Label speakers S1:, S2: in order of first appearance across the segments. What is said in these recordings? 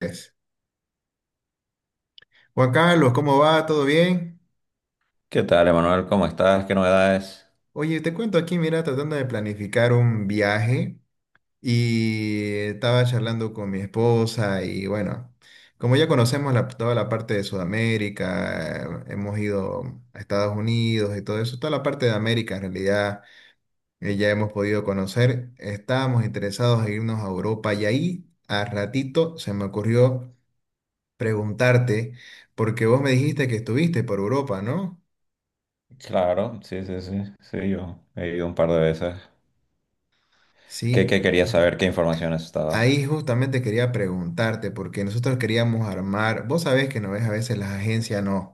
S1: Es. Juan Carlos, ¿cómo va? ¿Todo bien?
S2: ¿Qué tal, Emanuel? ¿Cómo estás? ¿Qué novedades?
S1: Oye, te cuento aquí, mira, tratando de planificar un viaje y estaba charlando con mi esposa y bueno, como ya conocemos toda la parte de Sudamérica, hemos ido a Estados Unidos y todo eso, toda la parte de América en realidad ya hemos podido conocer, estábamos interesados en irnos a Europa y ahí a ratito se me ocurrió preguntarte, porque vos me dijiste que estuviste por Europa, ¿no?
S2: Claro, sí, sí, sí, sí, yo he ido un par de veces. ¿Qué,
S1: Sí.
S2: qué querías saber? ¿Qué información estaba?
S1: Ahí justamente quería preguntarte, porque nosotros queríamos armar, vos sabés que no ves, a veces las agencias nos,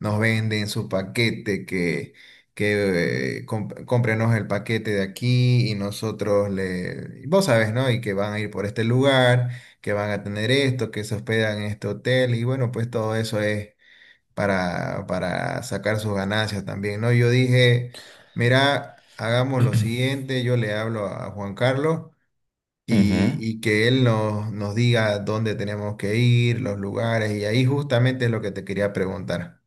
S1: nos venden su paquete, cómprenos el paquete de aquí y nosotros le, vos sabés, ¿no? Y que van a ir por este lugar, que van a tener esto, que se hospedan en este hotel y bueno, pues todo eso es para sacar sus ganancias también, ¿no? Yo dije, mira, hagamos lo siguiente, yo le hablo a Juan Carlos y,
S2: Ujú.
S1: y que él nos diga dónde tenemos que ir, los lugares, y ahí justamente es lo que te quería preguntar.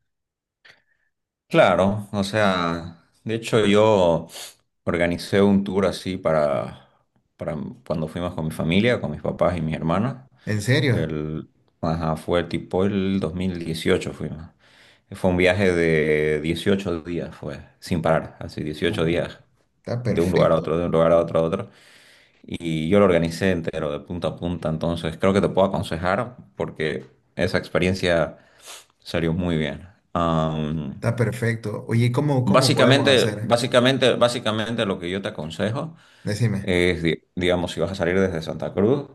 S2: Claro, o sea, de hecho yo organicé un tour así para cuando fuimos con mi familia, con mis papás y mis hermanas.
S1: ¿En serio?
S2: El, ajá, fue tipo el 2018 fuimos. Fue un viaje de 18 días, fue, sin parar, así 18
S1: Uh,
S2: días,
S1: está
S2: de un lugar a
S1: perfecto,
S2: otro, de un lugar a otro, a otro. Y yo lo organicé entero, de punta a punta, entonces creo que te puedo aconsejar porque esa experiencia salió muy bien. Am,
S1: está perfecto. Oye, ¿y ¿cómo podemos
S2: básicamente,
S1: hacer?
S2: básicamente, básicamente lo que yo te aconsejo
S1: Decime.
S2: es, digamos, si vas a salir desde Santa Cruz,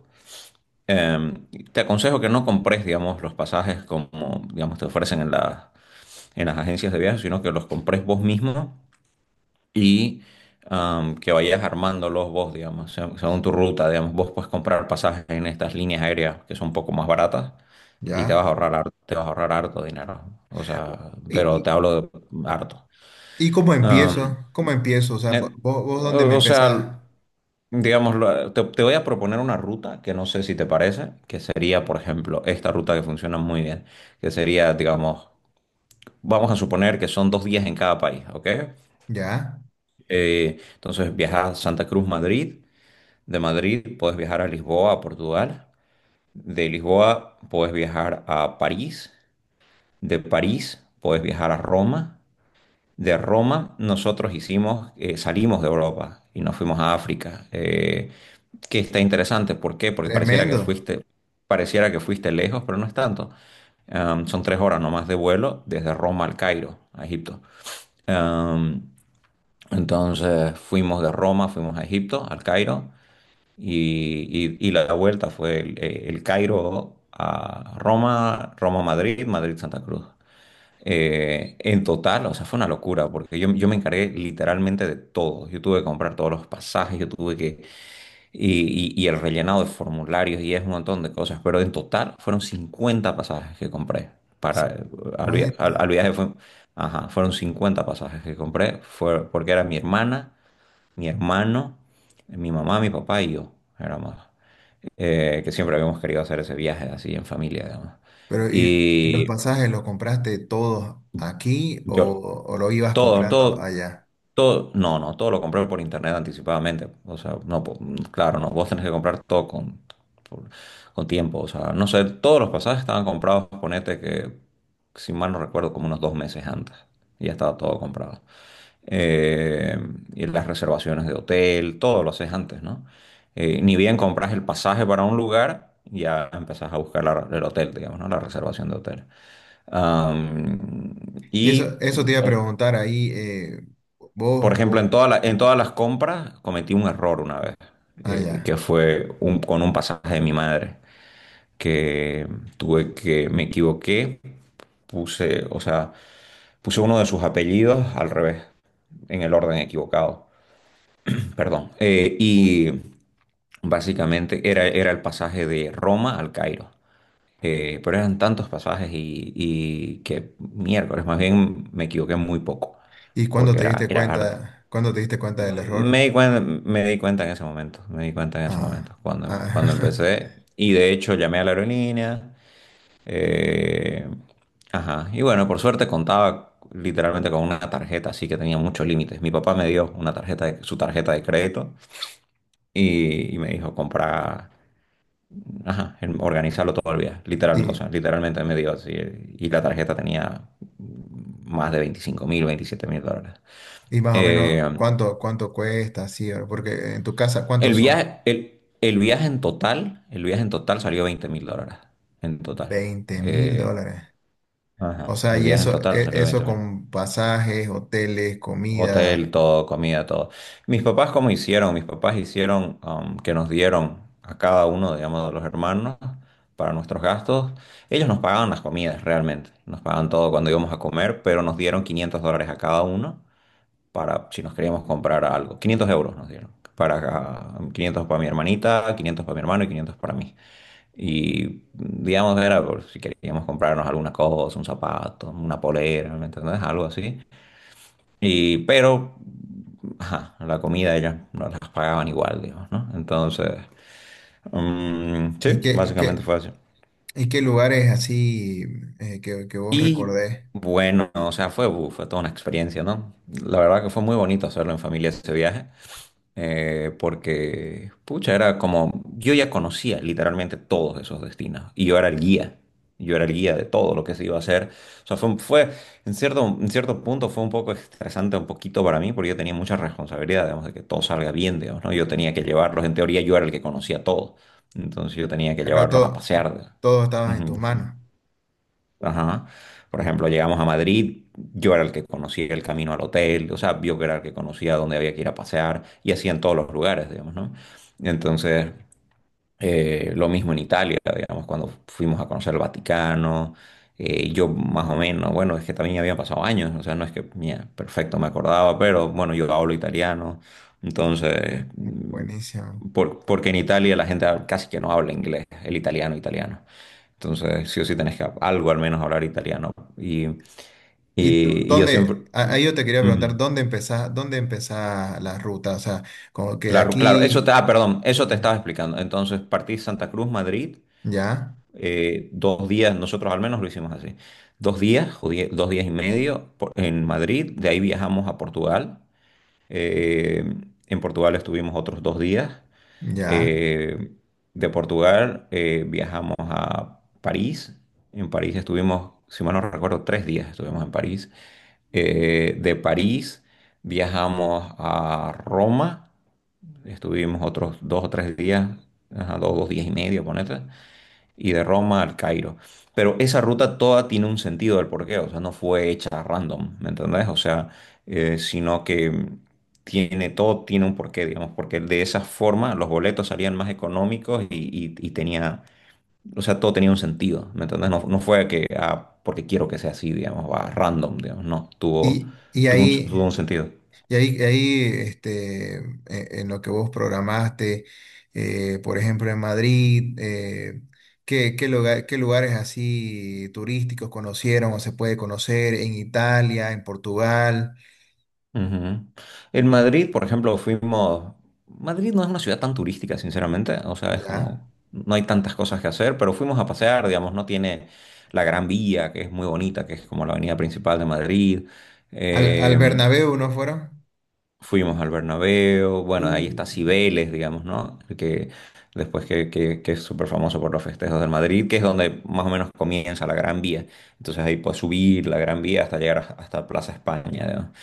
S2: em, te aconsejo que no compres, digamos, los pasajes como, digamos, te ofrecen en en las agencias de viajes, sino que los compres vos mismo y que vayas armándolos vos, digamos, según tu ruta, digamos, vos puedes comprar pasajes en estas líneas aéreas que son un poco más baratas y te
S1: ¿Ya?
S2: vas a ahorrar, te vas a ahorrar harto dinero, o sea,
S1: ¿Y,
S2: pero te
S1: y,
S2: hablo de harto.
S1: y cómo
S2: Am,
S1: empiezo? ¿Cómo empiezo? O sea,
S2: eh,
S1: ¿vos dónde me
S2: o sea,
S1: empezás?
S2: digamos, te voy a proponer una ruta que no sé si te parece, que sería, por ejemplo, esta ruta que funciona muy bien, que sería, digamos, vamos a suponer que son 2 días en cada país, ¿ok?
S1: ¿Ya?
S2: Entonces viajas a Santa Cruz, Madrid. De Madrid puedes viajar a Lisboa, a Portugal. De Lisboa puedes viajar a París. De París puedes viajar a Roma. De Roma nosotros hicimos, salimos de Europa y nos fuimos a África, que está interesante. ¿Por qué? Porque
S1: Tremendo.
S2: pareciera que fuiste lejos, pero no es tanto. Son 3 horas nomás de vuelo desde Roma al Cairo, a Egipto. Am, entonces fuimos de Roma, fuimos a Egipto, al Cairo. Y la vuelta fue el Cairo a Roma, Roma-Madrid, Madrid-Santa Cruz. En total, o sea, fue una locura porque yo me encargué literalmente de todo. Yo tuve que comprar todos los pasajes, yo tuve que... Y el rellenado de formularios y es un montón de cosas, pero en total fueron 50 pasajes que compré para... Al, via- al-
S1: 50.
S2: al viaje fue... Ajá, fueron 50 pasajes que compré, fue porque era mi hermana, mi hermano, mi mamá, mi papá y yo, éramos, que siempre habíamos querido hacer ese viaje así en familia, digamos.
S1: Pero ¿y los
S2: Y
S1: pasajes los compraste todos aquí
S2: yo,
S1: o lo ibas
S2: todo,
S1: comprando
S2: todo.
S1: allá?
S2: Todo, no, no, todo lo compré por internet anticipadamente. O sea, no, claro, no, vos tenés que comprar todo con, por- con tiempo. O sea, no sé, todos los pasajes estaban comprados, ponete que, si mal no recuerdo, como unos 2 meses antes. Y ya estaba todo comprado. Eh, y las reservaciones de hotel, todo lo haces antes, ¿no? Ni bien compras el pasaje para un lugar, ya empezás a buscar el hotel, digamos, ¿no? La reservación de hotel. Am,
S1: Y eso,
S2: y
S1: eso te iba a preguntar ahí,
S2: por
S1: vos,
S2: ejemplo,
S1: vos,
S2: en en todas las compras cometí un error una vez,
S1: ah, ya.
S2: que fue con un pasaje de mi madre, que tuve que, me equivoqué, puse, o sea, puse uno de sus apellidos al revés, en el orden equivocado, perdón. Y básicamente era, era el pasaje de Roma al Cairo. Pero eran tantos pasajes y que miércoles, más bien me equivoqué muy poco,
S1: ¿Y cuándo
S2: porque
S1: te
S2: era,
S1: diste
S2: era arduo.
S1: cuenta, cuándo te diste cuenta del error?
S2: Me di cuenta en ese momento, me di cuenta en ese
S1: Ah,
S2: momento, cuando,
S1: ah.
S2: cuando empecé. Y de hecho llamé a la aerolínea. eh, ajá. Y bueno, por suerte contaba literalmente con una tarjeta, así que tenía muchos límites. Mi papá me dio una tarjeta su tarjeta de crédito y me dijo comprar, ajá, organizarlo todo el viaje. Literal, o
S1: Y,
S2: sea, literalmente me dio así. Y la tarjeta tenía más de 25.000, 27.000 dólares.
S1: y más o menos,
S2: Eh,
S1: ¿cuánto cuesta? Sí, porque en tu casa,
S2: El
S1: ¿cuántos son?
S2: viaje, el viaje en total salió 20.000 dólares. En total.
S1: veinte mil
S2: Eh,
S1: dólares. O
S2: ajá,
S1: sea,
S2: el
S1: y
S2: viaje en
S1: eso,
S2: total
S1: e-
S2: salió
S1: eso
S2: 20 mil.
S1: con pasajes, hoteles, comida.
S2: Hotel, todo, comida, todo. Mis papás, ¿cómo hicieron? Mis papás hicieron, que nos dieron a cada uno, digamos, de los hermanos para nuestros gastos. Ellos nos pagaban las comidas realmente. Nos pagaban todo cuando íbamos a comer, pero nos dieron 500 dólares a cada uno para si nos queríamos comprar algo. 500 euros nos dieron. Para, 500 para mi hermanita, 500 para mi hermano y 500 para mí. Y digamos, era por si queríamos comprarnos alguna cosa, un zapato, una polera, ¿me entendés? Algo así. Y, pero, ajá, la comida ellas nos las pagaban igual, digamos, ¿no? Entonces, mm,
S1: ¿Y
S2: sí,
S1: qué,
S2: básicamente
S1: qué,
S2: fue así.
S1: y qué lugares así que vos
S2: Y
S1: recordés?
S2: bueno, o sea, fue toda una experiencia, ¿no? La verdad que fue muy bonito hacerlo en familia ese viaje, porque, pucha, era como, yo ya conocía literalmente todos esos destinos y yo era el guía, yo era el guía de todo lo que se iba a hacer. O sea, fue en cierto punto fue un poco estresante, un poquito para mí, porque yo tenía mucha responsabilidad, digamos, de que todo salga bien, digamos, ¿no? Yo tenía que llevarlos, en teoría yo era el que conocía todo, entonces yo tenía que
S1: Claro,
S2: llevarlos a
S1: todo,
S2: pasear.
S1: todo estaba en
S2: Ujú,
S1: tus
S2: decime.
S1: manos.
S2: Ajá. Por ejemplo, llegamos a Madrid, yo era el que conocía el camino al hotel, o sea, yo era el que conocía dónde había que ir a pasear y así en todos los lugares, digamos, ¿no? Entonces, lo mismo en Italia, digamos, cuando fuimos a conocer el Vaticano, yo más o menos, bueno, es que también habían pasado años, o sea, no es que, mira, perfecto, me acordaba, pero bueno, yo hablo italiano, entonces,
S1: Buenísimo.
S2: mm, porque en Italia la gente casi que no habla inglés, el italiano, italiano. Entonces, sí o sí tenés que algo al menos hablar italiano. Y,
S1: ¿Y
S2: y yo siempre...
S1: dónde? Ahí yo te quería
S2: Mm.
S1: preguntar, ¿dónde empezás la ruta? O sea, como que de
S2: Claro, claro,
S1: aquí,
S2: ah, perdón, eso te estaba explicando. Entonces, partí Santa Cruz, Madrid,
S1: ya,
S2: 2 días, nosotros al menos lo hicimos así, 2 días, o 2 días y medio en Madrid, de ahí viajamos a Portugal, eh, en Portugal estuvimos otros 2 días,
S1: ya.
S2: eh, de Portugal viajamos a París, en París estuvimos, si mal no recuerdo, 3 días estuvimos en París, de París viajamos a Roma, estuvimos otros 2 o 3 días, ajá, dos, 2 días y medio, ponete, y de Roma al Cairo. Pero esa ruta toda tiene un sentido del porqué, o sea, no fue hecha random, ¿me entendés? O sea, sino que tiene todo, tiene un porqué, digamos, porque de esa forma los boletos salían más económicos y, y tenía, o sea, todo tenía un sentido, ¿me entendés? No, no fue que, ah, porque quiero que sea así, digamos, va random, digamos, no, tuvo,
S1: Y, y
S2: tuvo un
S1: ahí,
S2: tuvo un sentido.
S1: y ahí, en lo que vos programaste, por ejemplo, en Madrid, ¿qué lugares así turísticos conocieron o se puede conocer en Italia, en Portugal?
S2: Ujú. En Madrid, por ejemplo, fuimos... Madrid no es una ciudad tan turística, sinceramente. O sea, es
S1: ¿Ya?
S2: como... No hay tantas cosas que hacer, pero fuimos a pasear, digamos. No, tiene la Gran Vía, que es muy bonita, que es como la avenida principal de Madrid.
S1: ¿Al
S2: Eh,
S1: Bernabéu no fueron?
S2: Fuimos al Bernabéu,
S1: Uh,
S2: bueno, ahí está Cibeles, digamos, ¿no? Que después que, que es súper famoso por los festejos del Madrid, que es donde más o menos comienza la Gran Vía. Entonces ahí puedes subir la Gran Vía hasta llegar a- hasta Plaza España, ¿no?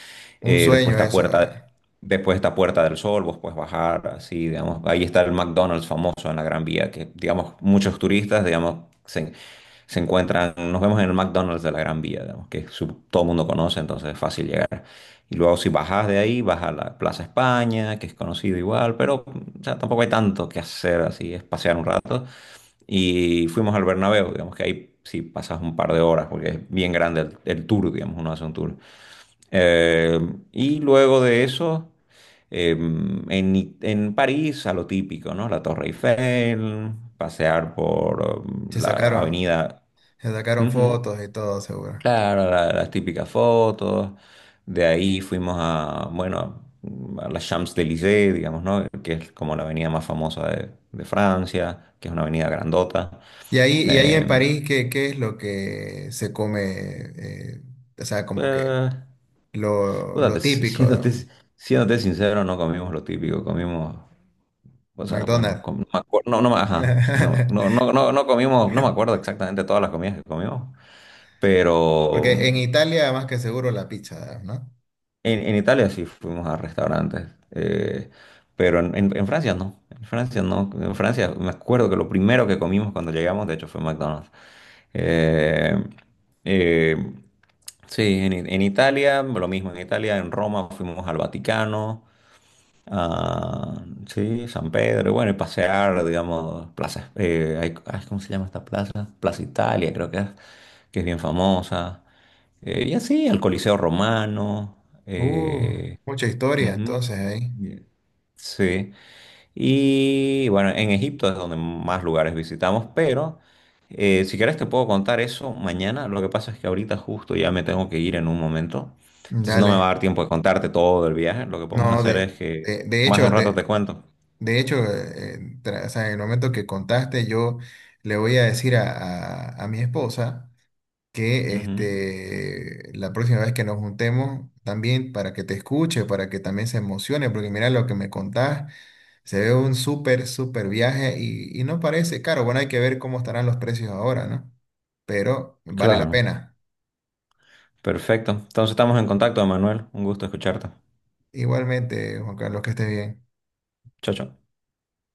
S1: un
S2: Eh, después
S1: sueño
S2: está
S1: eso.
S2: Puerta, después está Puerta del Sol, vos puedes bajar, así, digamos. Ahí está el McDonald's famoso en la Gran Vía, que, digamos, muchos turistas, digamos, se, se encuentran, nos vemos en el McDonald's de la Gran Vía, digamos, todo el mundo conoce, entonces es fácil llegar. Y luego si bajas de ahí, vas a la Plaza España, que es conocido igual, pero o sea, tampoco hay tanto que hacer así, es pasear un rato. Y fuimos al Bernabéu, digamos que ahí sí pasas un par de horas, porque es bien grande el tour, digamos, uno hace un tour. Eh, y luego de eso, eh, en París, a lo típico, ¿no? La Torre Eiffel, pasear por,
S1: Se
S2: la
S1: sacaron,
S2: avenida...
S1: se sacaron
S2: Ujú.
S1: fotos y todo, seguro.
S2: Claro, la- las típicas fotos. De ahí fuimos a, bueno, a la Champs-Élysées, digamos, ¿no? Que es como la avenida más famosa de Francia, que es una avenida grandota.
S1: Y ahí en
S2: Eh,
S1: París, ¿qué es lo que se come? O sea, como que
S2: eh,
S1: lo,
S2: puta,
S1: lo
S2: te- si,
S1: típico,
S2: siéndote,
S1: ¿no?
S2: siéndote sincero, no comimos lo típico, comimos, o sea, bueno,
S1: McDonald's.
S2: com- no, me acuer- no, no me- ajá, no, no, no, no comimos, no me acuerdo exactamente todas las comidas que comimos, pero
S1: Porque en Italia, más que seguro, la pizza, ¿no?
S2: en Italia sí fuimos a restaurantes, pero en Francia no. En Francia no. En Francia me acuerdo que lo primero que comimos cuando llegamos, de hecho, fue McDonald's. Eh, eh, sí, en Italia, lo mismo. En Italia, en Roma fuimos al Vaticano. Ah, sí, San Pedro, y bueno, y pasear, digamos, plazas, ay, ¿cómo se llama esta plaza? Plaza Italia, creo que es bien famosa. Y así, al Coliseo Romano.
S1: Uh,
S2: eh,
S1: mucha historia,
S2: Ujú,
S1: entonces, ahí.
S2: y- sí. Y bueno, en Egipto es donde más lugares visitamos, pero, si quieres te puedo contar eso mañana. Lo que pasa es que ahorita justo ya me tengo que ir en un momento. Entonces no me va a
S1: Dale.
S2: dar tiempo de contarte todo del viaje. Lo que podemos
S1: No,
S2: hacer es que
S1: de, de
S2: más de
S1: hecho,
S2: un rato
S1: de,
S2: te cuento.
S1: de hecho, o sea, en el momento que contaste, yo le voy a decir a mi esposa que
S2: Ujú.
S1: la próxima vez que nos juntemos también para que te escuche, para que también se emocione, porque mira lo que me contás, se ve un súper, súper viaje y no parece caro. Bueno, hay que ver cómo estarán los precios ahora, ¿no? Pero vale la
S2: Claro,
S1: pena.
S2: perfecto. Entonces estamos en contacto, Manuel. Un gusto escucharte.
S1: Igualmente, Juan Carlos, que estés bien.
S2: Chao, chao.